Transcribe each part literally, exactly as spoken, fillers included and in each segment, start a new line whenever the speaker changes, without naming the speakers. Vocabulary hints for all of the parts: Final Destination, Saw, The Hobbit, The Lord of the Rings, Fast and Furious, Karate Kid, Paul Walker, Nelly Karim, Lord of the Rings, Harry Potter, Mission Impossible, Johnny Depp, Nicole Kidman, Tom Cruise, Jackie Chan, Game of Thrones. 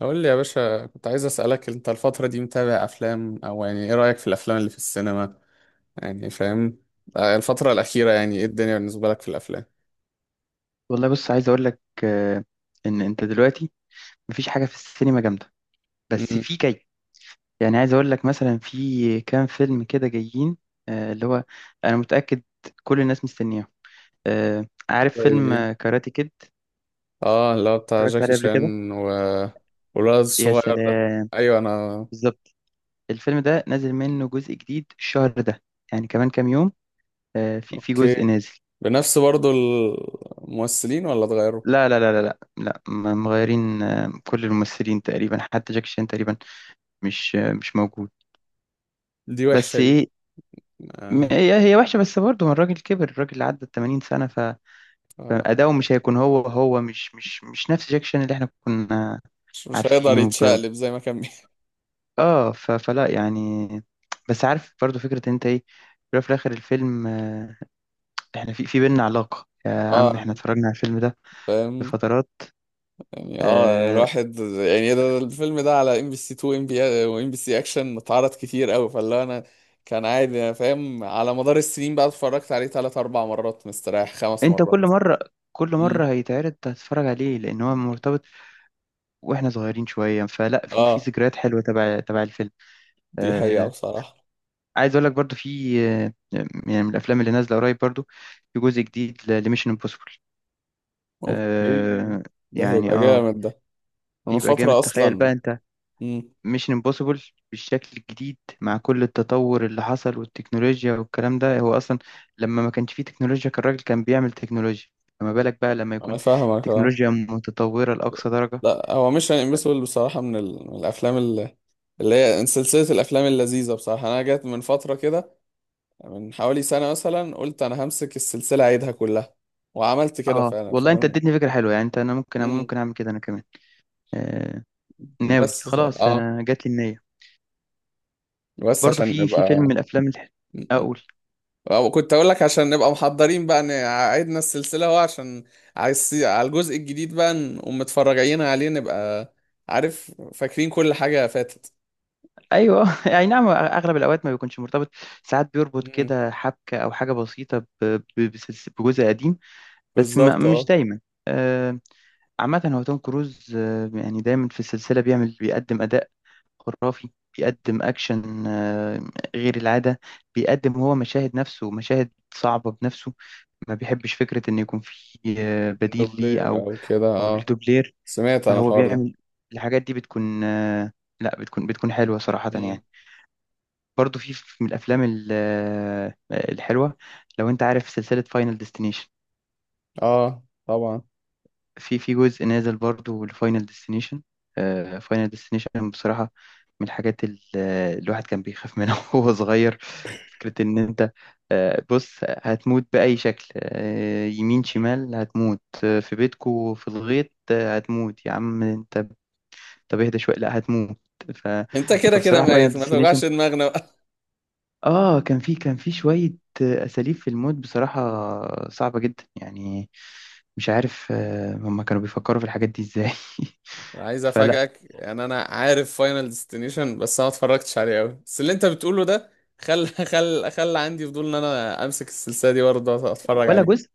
قول لي يا باشا، كنت عايز أسألك، انت الفترة دي متابع افلام؟ او يعني ايه رأيك في الافلام اللي في السينما؟ يعني فاهم. آه، الفترة الأخيرة يعني ايه الدنيا بالنسبة لك في الافلام؟
والله بص عايز اقول لك، آه، ان انت دلوقتي مفيش حاجه في السينما جامده. بس
امم.
في جاي. يعني عايز اقول لك مثلا في كام فيلم كده جايين، آه، اللي هو انا متاكد كل الناس مستنياه. آه، عارف فيلم
زي
آه، كاراتي كيد.
اه اللي هو بتاع
اتفرجت
جاكي
عليه قبل كده.
شان، و والولد
يا
الصغير ده.
سلام.
ايوه انا.
بالظبط. الفيلم ده نازل منه جزء جديد الشهر ده، يعني كمان كام يوم. آه، في في
اوكي،
جزء نازل.
بنفس برضو الممثلين ولا اتغيروا؟
لا لا لا لا لا لا، م- مغيرين آه، كل الممثلين تقريبا، حتى جاكي شان تقريبا مش آه، مش موجود.
دي وحشة
بس
دي.
ايه، م-
آه.
هي هي وحشة. بس برضه هو الراجل كبر، الراجل عدى ال ثمانين سنة فأداؤه
آه.
مش هيكون هو، هو مش مش مش نفس جاك شان اللي احنا كنا
مش مش هيقدر
عارفينه ب...
يتشقلب زي ما كان بي-
اه، ف... فلا يعني. بس عارف، برضه فكرة إن انت ايه، في الأول وفي الآخر الفيلم، آه، احنا في في بينا علاقة يا عم،
اه،
احنا اتفرجنا على الفيلم ده
فاهم.
بفترات.
يعني اه يعني
آه...
الواحد يعني ده ده الفيلم ده على ام بي سي تو، ام بي، وام بي سي اكشن، اتعرض كتير قوي، فاللي انا كان عادي، انا فاهم، على مدار السنين بقى اتفرجت عليه ثلاث اربع مرات مستريح، خمس
انت كل
مرات.
مرة كل
امم.
مرة هيتعرض هتتفرج عليه، لأن هو مرتبط، واحنا صغيرين شوية، فلا في في
اه،
ذكريات حلوة تبع تبع الفيلم.
دي حقيقة
آه،
بصراحة.
عايز اقول لك برضو في، آه، يعني من الافلام اللي نازله قريب، برضو في جزء جديد لميشن امبوسيبل.
اوكي.
آه
ده
يعني
هيبقى
اه.
جامد ده. انا من
يبقى جامد.
فترة
تخيل بقى
اصلا.
انت،
امم.
ميشن امبوسيبل بالشكل الجديد مع كل التطور اللي حصل، والتكنولوجيا والكلام ده. هو اصلا لما ما كانش فيه تكنولوجيا كان الراجل كان بيعمل تكنولوجيا، فما بالك بقى لما
انا
يكون
فاهمك اه.
تكنولوجيا متطوره لاقصى درجه.
لا، هو مش امبوسيبل بصراحة من, ال... من الافلام اللي، اللي هي سلسلة الافلام اللذيذة بصراحة، انا جت من فترة كده، من حوالي سنة مثلا قلت أنا همسك السلسلة أعيدها كلها، وعملت كده
اه
فعلا
والله انت
فاهم.
اديتني فكره حلوه، يعني انت، انا ممكن
مم.
ممكن اعمل كده انا كمان. آه ناوي
بس
خلاص،
اه،
انا جات لي النيه.
بس
برضو
عشان
في في فيلم من
نبقى.
الافلام اللي
مم.
اقول.
أو كنت أقول لك عشان نبقى محضرين بقى، إن عيدنا السلسلة هو عشان عايز على الجزء الجديد بقى نقوم متفرجين عليه، نبقى عارف فاكرين كل حاجة فاتت.
ايوه اي نعم، اغلب الاوقات ما بيكونش مرتبط، ساعات بيربط
مم.
كده حبكه او حاجه بسيطه ب- ب- بسلس- بجزء قديم، بس ما
بالظبط
مش
اه.
دايما. آه، عامه هو توم كروز، آه، يعني دايما في السلسله بيعمل بيقدم اداء خرافي. بيقدم اكشن آه، غير العاده. بيقدم هو مشاهد نفسه، مشاهد صعبه بنفسه. ما بيحبش فكره ان يكون في آه، بديل ليه،
دوبلير
او
أو كده
او ليه
اه.
دوبلير.
سمعت عن
فهو
الحوار ده.
بيعمل الحاجات دي، بتكون آه، لا، بتكون بتكون حلوة صراحة
مم.
يعني. برضو في في- من الأفلام ال- آه، الحلوة. لو أنت عارف سلسلة فاينل ديستنيشن،
اه طبعا.
في في جزء نازل برضو لفاينل ديستنيشن. فاينل ديستنيشن بصراحة من الحاجات ال- آه، الواحد كان بيخاف منها وهو صغير. فكرة إن أنت، آه، بص، هتموت بأي شكل، آه، يمين شمال هتموت، آه، في بيتكو في الغيط، آه، هتموت يا عم أنت. طب اهدى شويه، لا هتموت. ف...
انت كده كده
فبصراحه فاينل
ميت، ما
ديستنيشن،
توجعش دماغنا بقى.
اه كان في كان في شويه اساليب في الموت بصراحه، صعبه جدا يعني. مش عارف، آه، هما كانوا بيفكروا في الحاجات دي ازاي؟
عايز
فلا.
افاجئك، يعني انا عارف فاينل ديستنيشن، بس انا ما اتفرجتش عليه قوي، بس اللي انت بتقوله ده خل خل خل عندي فضول ان انا امسك السلسله دي برضه اتفرج
ولا
عليه.
جزء.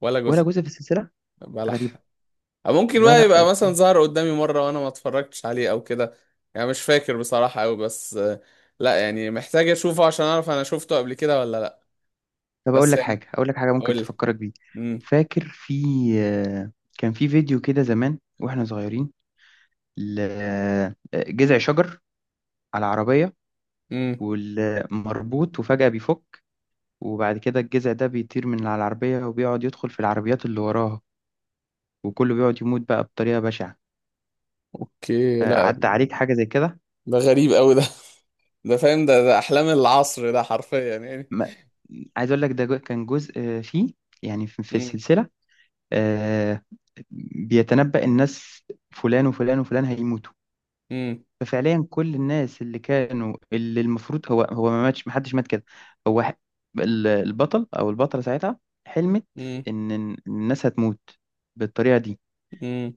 ولا
ولا
جزء؟
جزء في السلسله.
بلح.
غريبه.
أو ممكن
لا،
بقى
لا
يبقى مثلا
بصراحة.
ظهر قدامي مره وانا ما اتفرجتش عليه او كده، يعني مش فاكر بصراحه قوي، بس آه، لا يعني محتاج اشوفه عشان اعرف انا شفته قبل كده ولا لا.
طب اقول
بس
لك
يعني،
حاجه، اقول لك حاجه ممكن
قول لي.
تفكرك بيه.
امم.
فاكر في، آه، كان في فيديو كده زمان واحنا صغيرين، لجذع شجر على عربيه
امم.
والمربوط، وفجاه بيفك، وبعد كده الجذع ده بيطير من على العربية، وبيقعد يدخل في العربيات اللي وراها، وكله بيقعد يموت بقى بطريقة بشعة.
اوكي،
آه،
لا.
عدى عليك حاجة زي كده؟
ده غريب قوي ده. ده فاهم، ده ده احلام العصر ده حرفيا يعني.
ما- عايز أقول لك ده جو- كان جزء آه، فيه، يعني في في
امم.
السلسلة، آه، بيتنبأ الناس فلان وفلان وفلان هيموتوا.
امم.
ففعليا كل الناس اللي كانوا، اللي المفروض هو هو ما ماتش، محدش مات كده. هو ح- ال- البطل أو البطلة ساعتها حلمت إن الناس هتموت بالطريقة دي.
مم.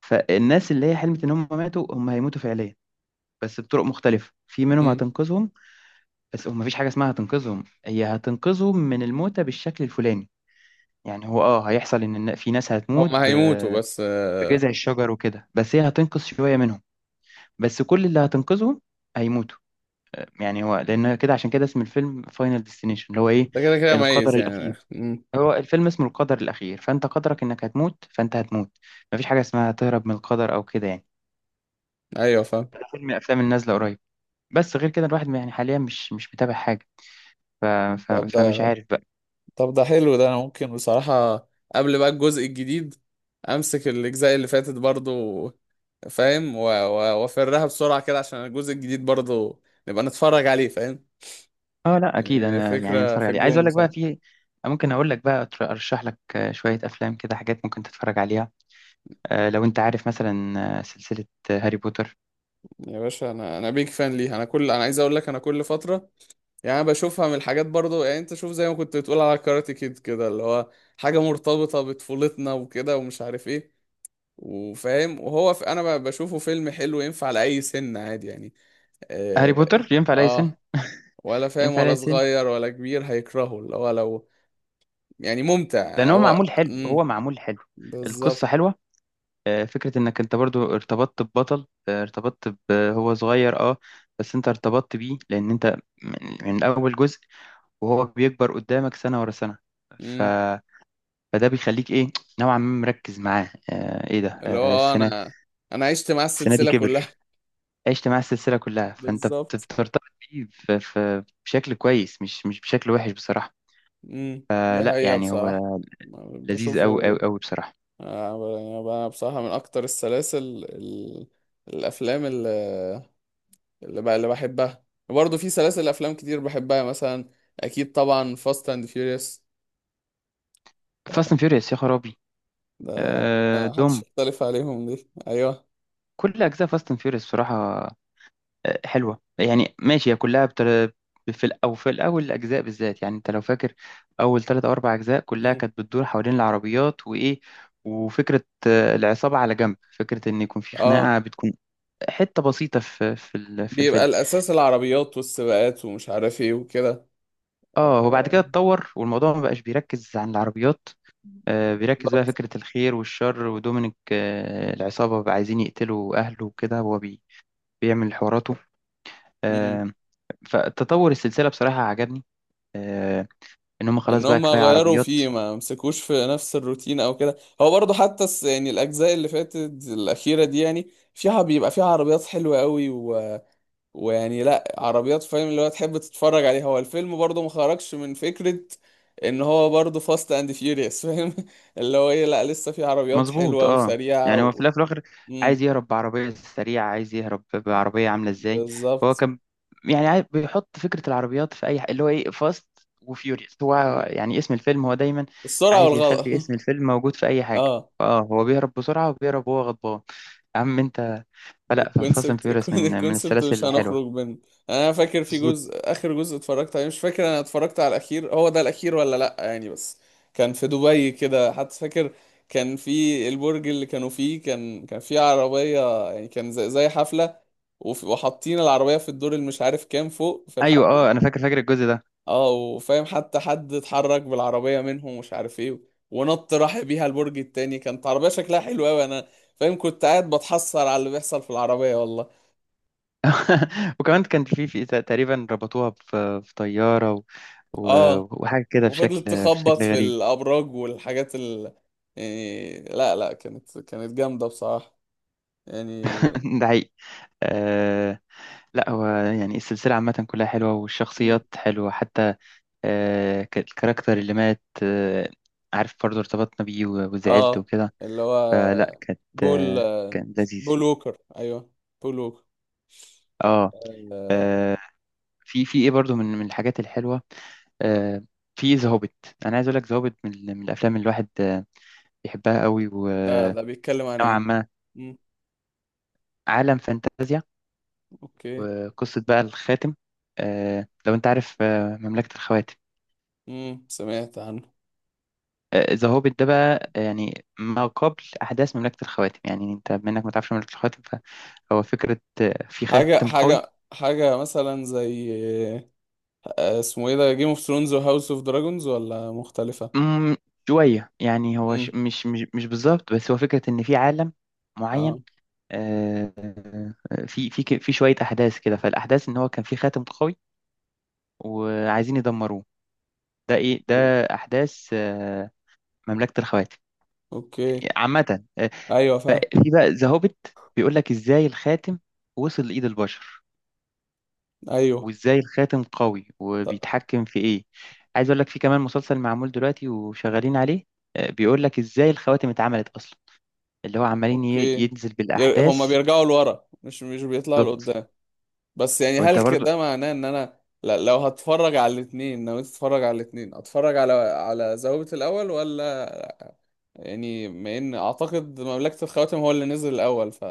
فالناس اللي هي حلمت ان هم ماتوا، هم هيموتوا فعليا، بس بطرق مختلفة، في منهم
مم.
هتنقذهم. بس هم، مفيش حاجة اسمها هتنقذهم، هي هتنقذهم من الموتة بالشكل الفلاني. يعني هو، اه هيحصل ان الن- في ناس هتموت
هم هيموتوا،
ب-
بس آه،
بجذع الشجر وكده، بس هي هتنقذ شوية منهم. بس كل اللي هتنقذهم هيموتوا، آه، يعني هو لان كده، عشان كده اسم الفيلم فاينل ديستنيشن اللي هو ايه،
انت كده كده
القدر
ميت يعني.
الاخير.
مم.
هو الفيلم اسمه القدر الاخير، فانت قدرك انك هتموت، فانت هتموت. مفيش حاجة اسمها تهرب من القدر او كده يعني.
ايوه فاهم.
فيلم من الافلام اللي نازلة قريب، بس غير كده الواحد يعني حاليا مش مش متابع حاجة. ف... ف...
طب
فمش
ده،
عارف بقى.
طب ده حلو ده، انا ممكن بصراحة قبل بقى الجزء الجديد امسك الاجزاء اللي فاتت برضو، فاهم، و- و- وافرها بسرعة كده عشان الجزء الجديد برضو نبقى نتفرج عليه، فاهم.
اه لا، اكيد
يعني
انا يعني
فكرة
اتفرج
في
عليه. عايز
الجون
اقول لك بقى
بصراحة.
في ممكن اقول لك بقى، أتر- ارشح لك آه، شوية افلام كده، حاجات ممكن تتفرج عليها. آه، لو انت عارف مثلا آه، سلسلة آه، هاري بوتر.
يا باشا، انا انا بيك فان ليها، انا كل، انا عايز اقول لك انا كل فترة، يعني انا بشوفها من الحاجات برضو، يعني انت شوف زي ما كنت بتقول على كاراتي كيد كده، اللي هو حاجة مرتبطة بطفولتنا وكده، ومش عارف ايه، وفاهم، وهو في انا ب- بشوفه فيلم حلو، ينفع لأي سن عادي يعني.
هاري
اه,
بوتر ينفع لأي سن.
آه. ولا فاهم،
ينفع
ولا
لأي سن،
صغير ولا كبير هيكرهه، اللي هو لو يعني ممتع يعني
لان هو
هو.
معمول حلو، هو
امم.
معمول حلو. القصة
بالظبط.
حلوة. آه، فكرة انك انت برضو ارتبطت ببطل، آه، ارتبطت ب- هو صغير اه، بس انت ارتبطت بيه، لان انت من من اول جزء وهو بيكبر قدامك، سنة ورا سنة. ف...
امم.
فده بيخليك ايه، نوعا ما مركز معاه. آه ايه ده،
اللي هو
آه
آه،
السنة
انا، انا عشت مع
السنة دي
السلسلة كلها.
كبر. عشت معاه السلسلة كلها، فانت بت-
بالظبط.
بترتبط بيه ف- ف- بشكل كويس، مش مش بشكل وحش بصراحة.
امم،
آه
دي
لا
حقيقة
يعني، هو
بصراحة.
لذيذ أوي أوي
بشوفه.
أوي بصراحة.
آه، يعني بقى بصراحة من أكتر السلاسل ال... الأفلام اللي، اللي, بقى اللي بحبها. برضه في سلاسل أفلام كتير بحبها، مثلا أكيد طبعا فاست أند فيوريوس،
فاست اند فيوريوس يا خرابي.
ده
آه
محدش
دوم.
يختلف عليهم دي أيوه.
كل أجزاء فاست اند فيوريوس بصراحة آه، حلوة يعني، ماشي هي كلها بتر... في ال... أو في الأول، الأجزاء بالذات، يعني أنت لو فاكر أول ثلاث أو أربع أجزاء كلها
مم.
كانت بتدور حوالين العربيات وإيه، وفكرة آه، العصابة على جنب، فكرة إن يكون في
اه،
خناقة بتكون حتة بسيطة في في ال... في
بيبقى
الفيلم.
الأساس العربيات والسباقات ومش عارف إيه وكده.
آه وبعد كده اتطور، والموضوع ما بقاش بيركز عن العربيات. آه، بيركز بقى
بالظبط.
فكرة الخير والشر، ودومينيك آه، العصابة بقى عايزين يقتلوا أهله وكده، هو بي... بيعمل حواراته.
مم.
آه، فتطور السلسلة بصراحة عجبني، آه، ان هم خلاص
إن
بقى
هما
كفايه
غيروا
عربيات.
فيه، ما مسكوش في نفس الروتين أو كده، هو برضه حتى الس- يعني الأجزاء اللي فاتت الأخيرة دي، يعني فيها بيبقى فيها عربيات حلوة قوي، ويعني لا عربيات فاهم اللي هو تحب تتفرج عليها، هو الفيلم برضه ما خرجش من فكرة ان هو برضه فاست اند فيوريوس، فاهم اللي هو ايه، لا لسه في عربيات
مظبوط
حلوة
اه.
وسريعة
يعني هو في
و...
الاول وفي الاخر عايز
مم.
يهرب بعربيه سريعه، عايز يهرب بعربيه عامله ازاي. هو
بالظبط.
كان يعني عاي- بيحط فكره العربيات في اي ح- اللي هو ايه، فاست وفيوريوس. هو
مم.
يعني اسم الفيلم، هو دايما
السرعة
عايز
والغلط
يخلي اسم الفيلم موجود في اي حاجه.
اه،
اه هو بيهرب بسرعه، وبيهرب وهو غضبان يا عم انت. فلا فاست اند
الكونسبت،
فيوريوس من من
الكونسبت
السلاسل
مش
الحلوه.
هنخرج منه. يعني انا فاكر في جزء،
مظبوط
اخر جزء اتفرجت عليه مش فاكر، انا اتفرجت على الاخير، هو ده الاخير ولا لا يعني، بس كان في دبي كده حتى، فاكر كان في البرج اللي كانوا فيه، كان كان في عربية، يعني كان زي, زي حفلة، وف- وحاطين العربية في الدور اللي مش عارف كام فوق في
ايوه.
الحفلة.
اه، انا فاكر فاكر الجزء ده.
اه وفاهم، حتى حد اتحرك بالعربية منهم، مش عارف ايه، ونط راح بيها البرج التاني، كانت عربية شكلها حلو قوي، انا فاهم كنت قاعد بتحسر على اللي بيحصل في العربية والله.
وكمان كان في في تقريبا ربطوها في في طيارة، و... و...
اه،
وحاجة كده بشكل
وفضلت تخبط
بشكل
في
غريب.
الابراج والحاجات ال، يعني لا لا، كانت كانت جامده بصراحه يعني.
ده حقيقي. آه... لا هو يعني السلسلة عامة كلها حلوة،
مم.
والشخصيات حلوة حتى آه... ك- الكاركتر اللي مات، آه... عارف برضه ارتبطنا بيه و... وزعلت
اه،
وكده،
اللي هو
فلا كانت،
بول،
آه... كان لذيذ
بول ووكر، ايوه بول ووكر.
اه.
آه،
آه، في في ايه برضه من من الحاجات الحلوة. آه... في ذا هوبيت. انا عايز اقول لك، ذا هوبيت من ال- من الافلام اللي الواحد آه، بيحبها قوي،
ده ده بيتكلم عن
نوعا
ايه؟
ما.
مم.
عالم فانتازيا،
اوكي.
وقصة بقى الخاتم. آه، لو انت عارف آه، مملكة الخواتم،
مم، سمعت عنه.
ذا هوبيت ده بقى، آه، يعني ما قبل أحداث مملكة الخواتم. يعني انت منك ما تعرفش مملكة الخواتم، فهو فكرة آه، في
حاجه
خاتم قوي.
حاجه حاجه مثلا زي آه، اسمه ايه ده، جيم اوف ثرونز وهاوس اوف دراجونز، ولا مختلفه؟
مم، شوية يعني هو ش-
مم.
مش مش مش بالظبط، بس هو فكرة إن في عالم معين.
اه.
آه، آه، في في ك- في شوية أحداث كده، فالأحداث إن هو كان في خاتم قوي وعايزين يدمروه. ده إيه ده، أحداث آه، مملكة الخواتم
اوكي.
عامة. آه،
ايوه
ففي
فاهم.
بقى ذا هوبيت بيقول لك ازاي الخاتم وصل لإيد البشر،
ايوه.
وازاي الخاتم قوي
ط-
وبيتحكم في ايه. عايز اقول لك، في كمان مسلسل معمول دلوقتي وشغالين عليه، آه، بيقول لك ازاي الخواتم اتعملت اصلا، اللي هو عمالين ي-
اوكي.
ينزل
ير... هما
بالاحداث.
بيرجعوا لورا، مش مش بيطلعوا
بالظبط.
لقدام. بس يعني
وانت
هل
برضو،
كده معناه ان انا، لا لو هتفرج على الاثنين نويت اتفرج على الاثنين، اتفرج على على ذوبة الاول ولا، يعني ما ان اعتقد مملكة الخواتم هو اللي نزل الاول ف.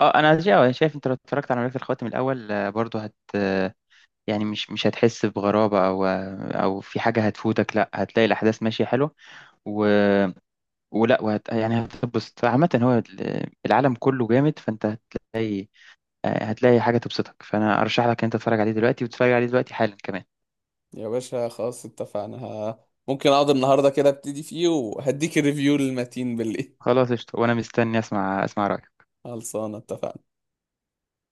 اه انا شا- أنا شايف انت لو اتفرجت على مملكة الخواتم الاول، آه، برضو هت آه، يعني مش مش هتحس بغرابة، او آه، او في حاجة هتفوتك، لا هتلاقي الاحداث ماشية حلوة، و ولا وهت يعني هتتبسط. عامة هو ال- العالم كله جامد، فانت هتلاقي، آه، هتلاقي حاجة تبسطك. فانا ارشح لك ان انت تتفرج عليه دلوقتي، وتتفرج عليه دلوقتي حالا كمان.
يا باشا خلاص اتفقنا، ه... ممكن اقعد النهارده كده ابتدي فيه، وهديك الريفيو للمتين بالليل.
خلاص قشطة، وانا مستني اسمع اسمع رأيك.
خلصانه، اتفقنا.